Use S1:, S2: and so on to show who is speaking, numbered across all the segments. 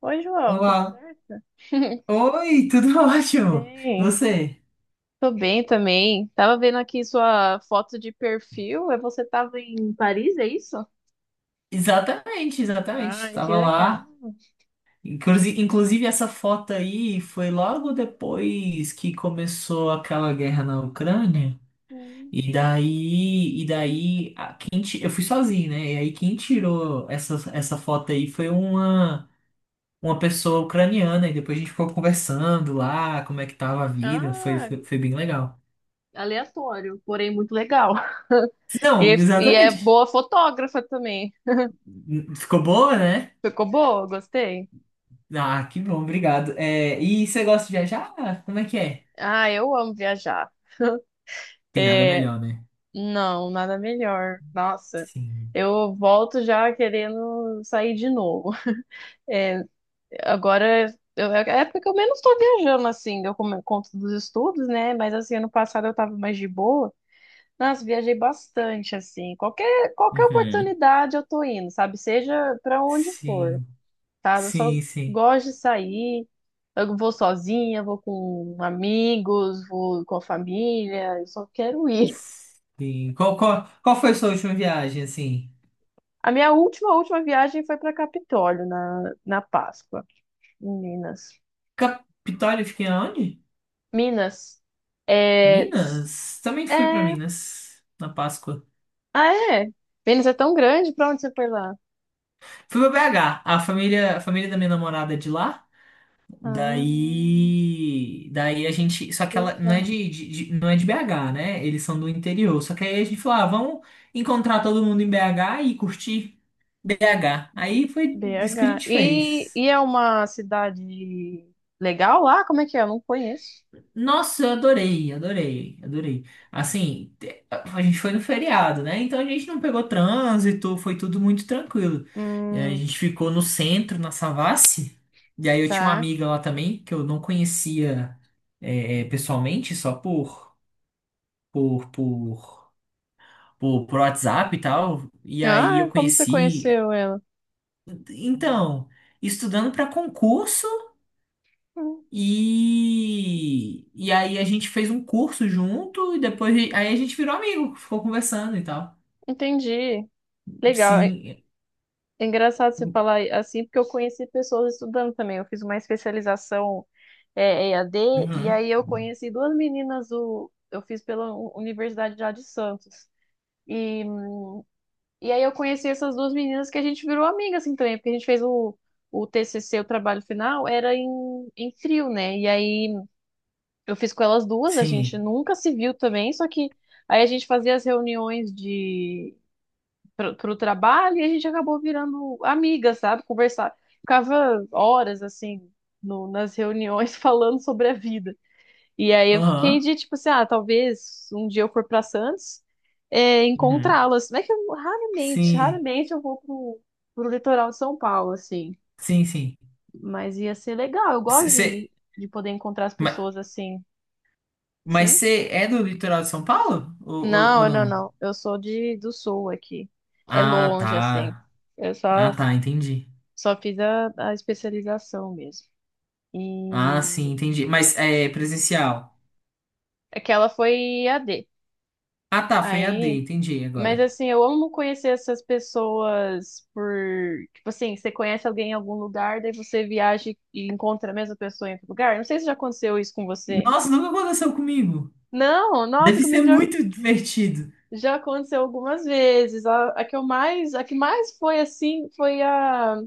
S1: Oi, João, tudo
S2: Olá.
S1: certo?
S2: Oi, tudo ótimo. E
S1: Bem,
S2: você?
S1: tô bem também. Tava vendo aqui sua foto de perfil. É. Você tava em Paris, é isso?
S2: Exatamente, exatamente.
S1: Ai, que
S2: Estava
S1: legal.
S2: lá. Inclusive, inclusive, essa foto aí foi logo depois que começou aquela guerra na Ucrânia.
S1: Hum.
S2: E daí, a- quem ti- Eu fui sozinho, né? E aí quem tirou essa foto aí foi uma pessoa ucraniana. E depois a gente ficou conversando lá, como é que tava a vida.
S1: Ah,
S2: Foi bem legal.
S1: aleatório, porém muito legal.
S2: Não,
S1: E é
S2: exatamente.
S1: boa fotógrafa também.
S2: Ficou boa, né?
S1: Ficou boa, gostei.
S2: Ah, que bom, obrigado. É, e você gosta de viajar? Como é que é?
S1: Ah, eu amo viajar.
S2: Tem nada
S1: É,
S2: melhor, né?
S1: não, nada melhor. Nossa,
S2: Sim.
S1: eu volto já querendo sair de novo. Agora é a época que eu menos tô viajando, assim, conto dos estudos, né? Mas assim, ano passado eu tava mais de boa. Nossa, viajei bastante, assim. Qualquer
S2: Uhum.
S1: oportunidade eu tô indo, sabe? Seja pra onde for,
S2: Sim,
S1: sabe? Eu só
S2: sim, sim.
S1: gosto de sair. Eu vou sozinha, vou com amigos, vou com a família. Eu só quero ir.
S2: Sim. Qual foi a sua última viagem, assim?
S1: A minha última viagem foi pra Capitólio, na Páscoa, em Minas.
S2: Capitólio, eu fiquei aonde?
S1: Minas. É,
S2: Minas? Também fui pra
S1: é.
S2: Minas, na Páscoa.
S1: Ah, é? Vênus é tão grande, pra onde você foi lá?
S2: Fui pra BH. A família da minha namorada é de lá.
S1: Ah,
S2: Daí a gente, só que ela não é
S1: BH.
S2: não é de BH, né? Eles são do interior. Só que aí a gente falou, ah, vamos encontrar todo mundo em BH e curtir BH. Aí foi isso que a
S1: BH.
S2: gente
S1: E,
S2: fez.
S1: e é uma cidade legal lá? Como é que é? Eu não conheço.
S2: Nossa, adorei. Assim, a gente foi no feriado, né? Então a gente não pegou trânsito, foi tudo muito tranquilo. É, a
S1: Hum,
S2: gente ficou no centro, na Savassi, e aí eu tinha uma
S1: tá.
S2: amiga lá também, que eu não conhecia pessoalmente, só por, por, por WhatsApp e tal. E aí
S1: Ah,
S2: eu
S1: como você
S2: conheci.
S1: conheceu ela?
S2: Então, estudando para concurso.
S1: Hum,
S2: E aí a gente fez um curso junto e depois aí a gente virou amigo, ficou conversando e tal.
S1: entendi. Legal. É
S2: Sim.
S1: é engraçado você falar assim, porque eu conheci pessoas estudando também. Eu fiz uma especialização, EAD, e
S2: Uhum.
S1: aí eu conheci duas meninas do. Eu fiz pela Universidade já de Santos. E e aí eu conheci essas duas meninas que a gente virou amiga assim também, porque a gente fez o TCC, o trabalho final, era em trio, né? E aí eu fiz com elas duas, a gente
S2: Sim.
S1: nunca se viu também, só que aí a gente fazia as reuniões de pro trabalho e a gente acabou virando amiga, sabe? Conversar, ficava horas assim no, nas reuniões falando sobre a vida. E aí eu fiquei
S2: Aham.
S1: de tipo assim, ah, talvez um dia eu for pra Santos, é,
S2: Uhum.
S1: encontrá-las. Mas é que eu, raramente,
S2: Sim.
S1: raramente eu vou pro litoral de São Paulo, assim.
S2: Sim, sim.
S1: Mas ia ser legal, eu
S2: Cê,
S1: gosto
S2: cê-
S1: de poder encontrar as
S2: ma-
S1: pessoas assim.
S2: mas
S1: Sim?
S2: você é do litoral de São Paulo? Ou
S1: Não, não,
S2: não?
S1: não. Eu sou de, do sul aqui. É
S2: Ah,
S1: longe, assim.
S2: tá.
S1: Eu
S2: Ah,
S1: só,
S2: tá, entendi.
S1: só fiz a especialização mesmo.
S2: Ah, sim,
S1: E
S2: entendi. Mas é presencial.
S1: aquela foi I a D.
S2: Ah, tá, foi a D
S1: Aí.
S2: entendi
S1: Mas
S2: agora.
S1: assim, eu amo conhecer essas pessoas por, tipo assim, você conhece alguém em algum lugar, daí você viaja e encontra a mesma pessoa em outro lugar. Não sei se já aconteceu isso com você.
S2: Nossa, nunca aconteceu comigo.
S1: Não, nossa,
S2: Deve ser muito divertido.
S1: já aconteceu algumas vezes. A que mais foi assim, foi a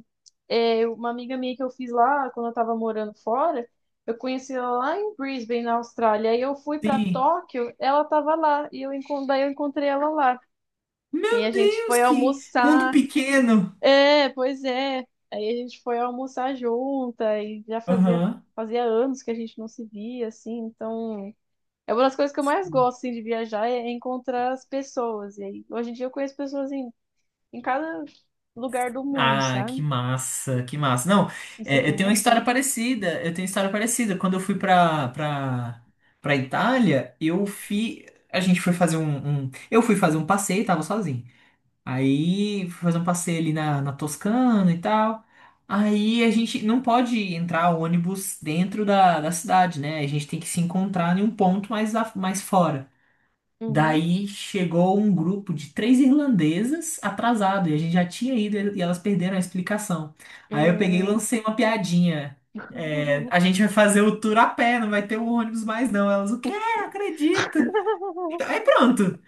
S1: uma amiga minha que eu fiz lá quando eu tava morando fora. Eu conheci ela lá em Brisbane, na Austrália. Aí eu fui pra
S2: Sim.
S1: Tóquio, ela tava lá e daí eu encontrei ela lá. E a
S2: Meu
S1: gente
S2: Deus,
S1: foi
S2: que mundo
S1: almoçar.
S2: pequeno.
S1: É, pois é. Aí a gente foi almoçar junta e já
S2: Aham.
S1: fazia anos que a gente não se via, assim, então. É uma das coisas que eu mais gosto, assim, de viajar, é encontrar as pessoas. E aí, hoje em dia eu conheço pessoas em cada lugar do mundo, sabe?
S2: Que massa. Não,
S1: Isso é
S2: é, eu
S1: bem
S2: tenho uma história
S1: gostoso.
S2: parecida. Eu tenho uma história parecida. Quando eu fui pra Itália, eu fui. A gente foi fazer eu fui fazer um passeio, tava sozinho. Aí fui fazer um passeio ali na, na Toscana e tal. Aí a gente não pode entrar ônibus dentro da cidade, né? A gente tem que se encontrar em um ponto mais, mais fora.
S1: Uhum.
S2: Daí chegou um grupo de três irlandesas atrasado e a gente já tinha ido e elas perderam a explicação. Aí eu peguei e
S1: Hum.
S2: lancei uma piadinha. É, a gente vai fazer o tour a pé, não vai ter um ônibus mais não. Elas, o quê? Não acredito. Aí pronto.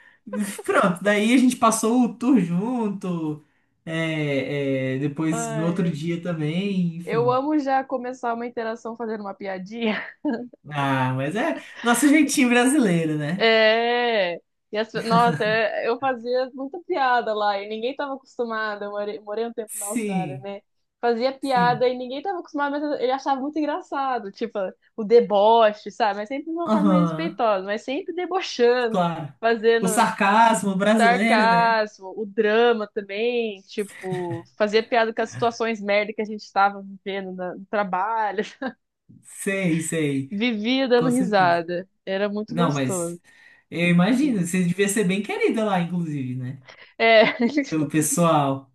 S2: Pronto. Daí a gente passou o tour junto. Depois no
S1: Ai,
S2: outro
S1: ai,
S2: dia também,
S1: eu
S2: enfim.
S1: amo já começar uma interação fazendo uma piadinha.
S2: Ah, mas é nosso jeitinho brasileiro, né?
S1: É. E nossa, eu fazia muita piada lá e ninguém estava acostumado. Eu morei um tempo na Austrália,
S2: Sim,
S1: né? Fazia
S2: sim.
S1: piada e ninguém estava acostumado, mas ele achava muito engraçado, tipo, o deboche, sabe? Mas sempre de uma forma
S2: Aham.
S1: respeitosa, mas sempre debochando,
S2: Claro. O
S1: fazendo
S2: sarcasmo brasileiro, né?
S1: sarcasmo, o drama também, tipo, fazia piada com as situações merda que a gente estava vivendo no trabalho,
S2: Sei, sei.
S1: vivia dando
S2: Com certeza.
S1: risada. Era muito
S2: Não,
S1: gostoso.
S2: mas eu imagino,
S1: Assim.
S2: você devia ser bem querida lá, inclusive, né?
S1: É.
S2: Pelo pessoal.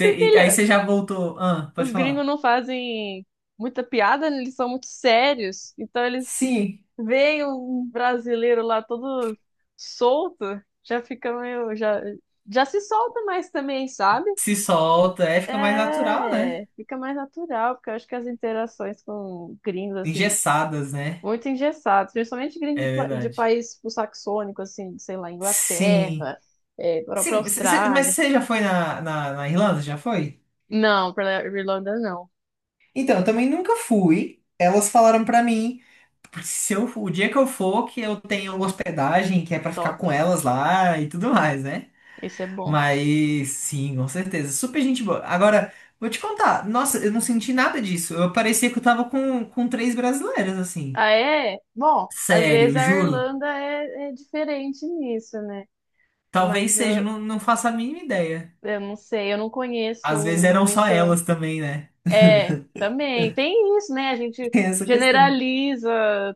S1: Porque
S2: E aí você já voltou. Ah, pode
S1: os gringos
S2: falar.
S1: não fazem muita piada, né? Eles são muito sérios. Então eles
S2: Sim,
S1: veem um brasileiro lá todo solto, já fica meio, já, já se solta mais também, sabe?
S2: se solta, é, fica mais natural, né?
S1: É, fica mais natural, porque eu acho que as interações com gringos, assim,
S2: Engessadas, né?
S1: muito engessados, principalmente gringos de,
S2: É
S1: de
S2: verdade.
S1: país tipo, saxônico, assim, sei lá,
S2: Sim.
S1: Inglaterra, é, para
S2: Sim, mas
S1: Austrália.
S2: você já foi na Irlanda? Já foi?
S1: Não, para Irlanda não.
S2: Então, eu também nunca fui. Elas falaram pra mim. Porque se eu, o dia que eu for, que eu tenho hospedagem, que é pra ficar
S1: Top.
S2: com elas lá e tudo mais, né?
S1: Esse é bom.
S2: Mas sim, com certeza. Super gente boa. Agora, vou te contar. Nossa, eu não senti nada disso. Eu parecia que eu tava com três brasileiras, assim.
S1: Ah, é? Bom, às vezes
S2: Sério,
S1: a
S2: juro.
S1: Irlanda é diferente nisso, né?
S2: Talvez
S1: Mas
S2: seja, eu
S1: ah,
S2: não faço a mínima ideia.
S1: eu não sei, eu não conheço
S2: Às vezes eram só
S1: muito.
S2: elas também, né?
S1: É, também. Tem isso, né? A gente
S2: Tem essa questão.
S1: generaliza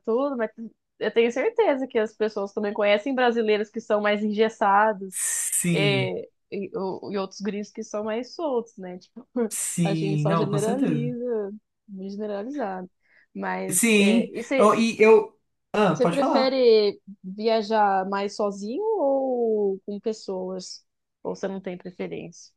S1: tudo, mas eu tenho certeza que as pessoas também conhecem brasileiros que são mais engessados,
S2: Sim,
S1: é, e outros gringos que são mais soltos, né? Tipo, a gente
S2: sim,
S1: só
S2: não, com certeza.
S1: generaliza, muito generalizado. Mas é,
S2: Sim,
S1: e você.
S2: eu. Ah,
S1: Você
S2: pode falar.
S1: prefere viajar mais sozinho ou com pessoas? Ou você não tem preferência?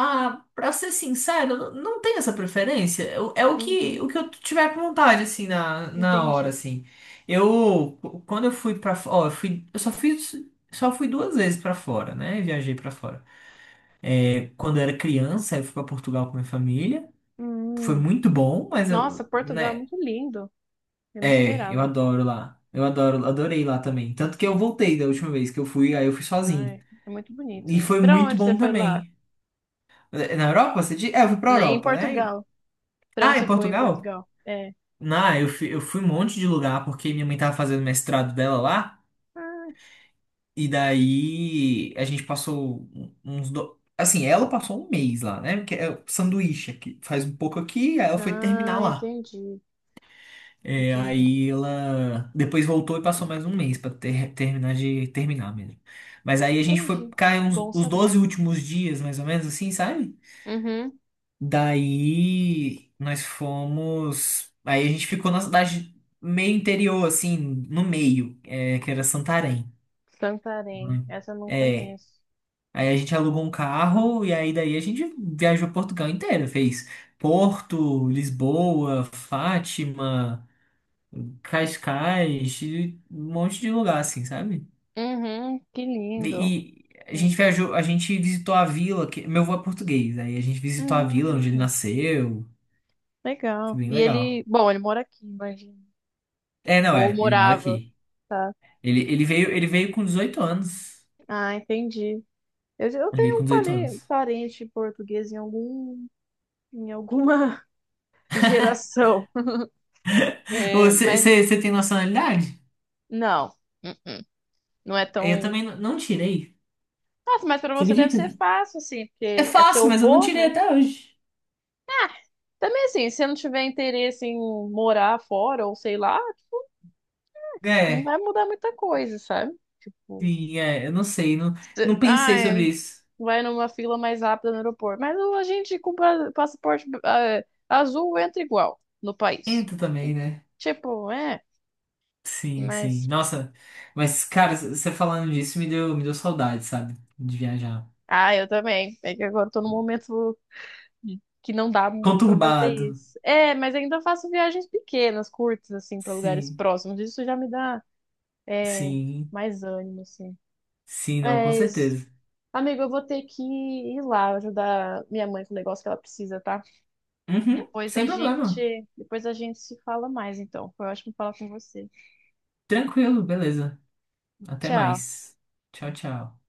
S2: Ah, pra ser sincero, eu não tenho essa preferência. É
S1: Uhum,
S2: o que eu tiver com vontade, assim, na hora,
S1: entendi.
S2: assim. Eu, quando eu fui pra fora, ó, eu só fiz, só fui duas vezes pra fora, né? Viajei pra fora. É, quando eu era criança, eu fui pra Portugal com minha família. Foi
S1: Hum,
S2: muito bom, mas
S1: nossa,
S2: eu,
S1: Portugal é
S2: né?
S1: muito lindo. Eu não
S2: É, eu
S1: esperava.
S2: adoro lá. Adorei lá também. Tanto que eu voltei da última vez que eu fui, aí eu fui sozinho.
S1: Ai, é muito bonito,
S2: E
S1: né?
S2: foi
S1: Pra
S2: muito
S1: onde você
S2: bom
S1: foi lá?
S2: também. Na Europa, você diz? É, eu fui pra
S1: Em
S2: Europa, né?
S1: Portugal. Pra
S2: Ah,
S1: onde
S2: em
S1: você foi em
S2: Portugal?
S1: Portugal? É.
S2: Eu fui um monte de lugar porque minha mãe tava fazendo mestrado dela lá,
S1: Ah,
S2: e daí a gente passou Assim, ela passou um mês lá, né? Porque é o sanduíche aqui, faz um pouco aqui, aí ela foi terminar
S1: ah,
S2: lá.
S1: entendi.
S2: É,
S1: Entendi.
S2: aí ela depois voltou e passou mais um mês terminar de terminar mesmo. Mas aí a gente foi
S1: Entendi.
S2: ficar uns,
S1: Bom
S2: os 12
S1: saber.
S2: últimos dias, mais ou menos assim, sabe?
S1: Uhum.
S2: Daí nós fomos. Aí a gente ficou na cidade meio interior, assim, no meio, é, que era Santarém.
S1: Santarém.
S2: Né?
S1: Essa eu não
S2: É.
S1: conheço.
S2: Aí a gente alugou um carro e aí daí a gente viajou Portugal inteiro, fez Porto, Lisboa, Fátima, Cascais, e um monte de lugar, assim, sabe?
S1: Uhum, que lindo.
S2: E a
S1: É.
S2: gente viajou, a gente visitou a vila, que meu avô é português, aí a gente visitou a vila onde ele
S1: Hum.
S2: nasceu, foi
S1: Legal.
S2: bem
S1: E ele,
S2: legal.
S1: bom, ele mora aqui, imagina.
S2: É, não,
S1: Ou
S2: é. Ele mora
S1: morava,
S2: aqui.
S1: tá?
S2: Ele veio com 18 anos.
S1: Ah, entendi. Eu
S2: Ele veio
S1: tenho
S2: com
S1: um
S2: 18 anos.
S1: parente português em algum, em alguma geração. É, mas
S2: Você tem nacionalidade?
S1: não. Uh-uh. Não é
S2: Eu
S1: tão.
S2: também não tirei.
S1: Nossa, mas pra
S2: Você
S1: você deve
S2: acredita?
S1: ser fácil, assim,
S2: É
S1: porque é
S2: fácil,
S1: seu
S2: mas eu não
S1: vô,
S2: tirei
S1: né?
S2: até hoje.
S1: Ah. Também assim, se não tiver interesse em morar fora ou sei lá, não
S2: É,
S1: vai mudar muita coisa, sabe? Tipo,
S2: sim, é. Eu não sei. Não, não pensei
S1: ai,
S2: sobre isso.
S1: vai numa fila mais rápida no aeroporto. A gente com passaporte azul entra igual no país.
S2: Entra também, né?
S1: Tipo, é,
S2: Sim, sim.
S1: mas.
S2: Nossa, mas, cara, você falando disso me deu, saudade, sabe? De viajar.
S1: Ah, eu também. É que agora eu tô num momento que não dá muito pra fazer
S2: Conturbado.
S1: isso. É, mas ainda faço viagens pequenas, curtas, assim, pra lugares
S2: Sim,
S1: próximos. Isso já me dá, é,
S2: sim.
S1: mais ânimo, assim.
S2: Sim, não, com
S1: Mas,
S2: certeza.
S1: amigo, eu vou ter que ir lá ajudar minha mãe com o negócio que ela precisa, tá?
S2: Uhum,
S1: Depois a
S2: sem problema.
S1: gente, depois a gente se fala mais, então. Foi ótimo falar com você.
S2: Tranquilo, beleza. Até
S1: Tchau.
S2: mais. Tchau, tchau.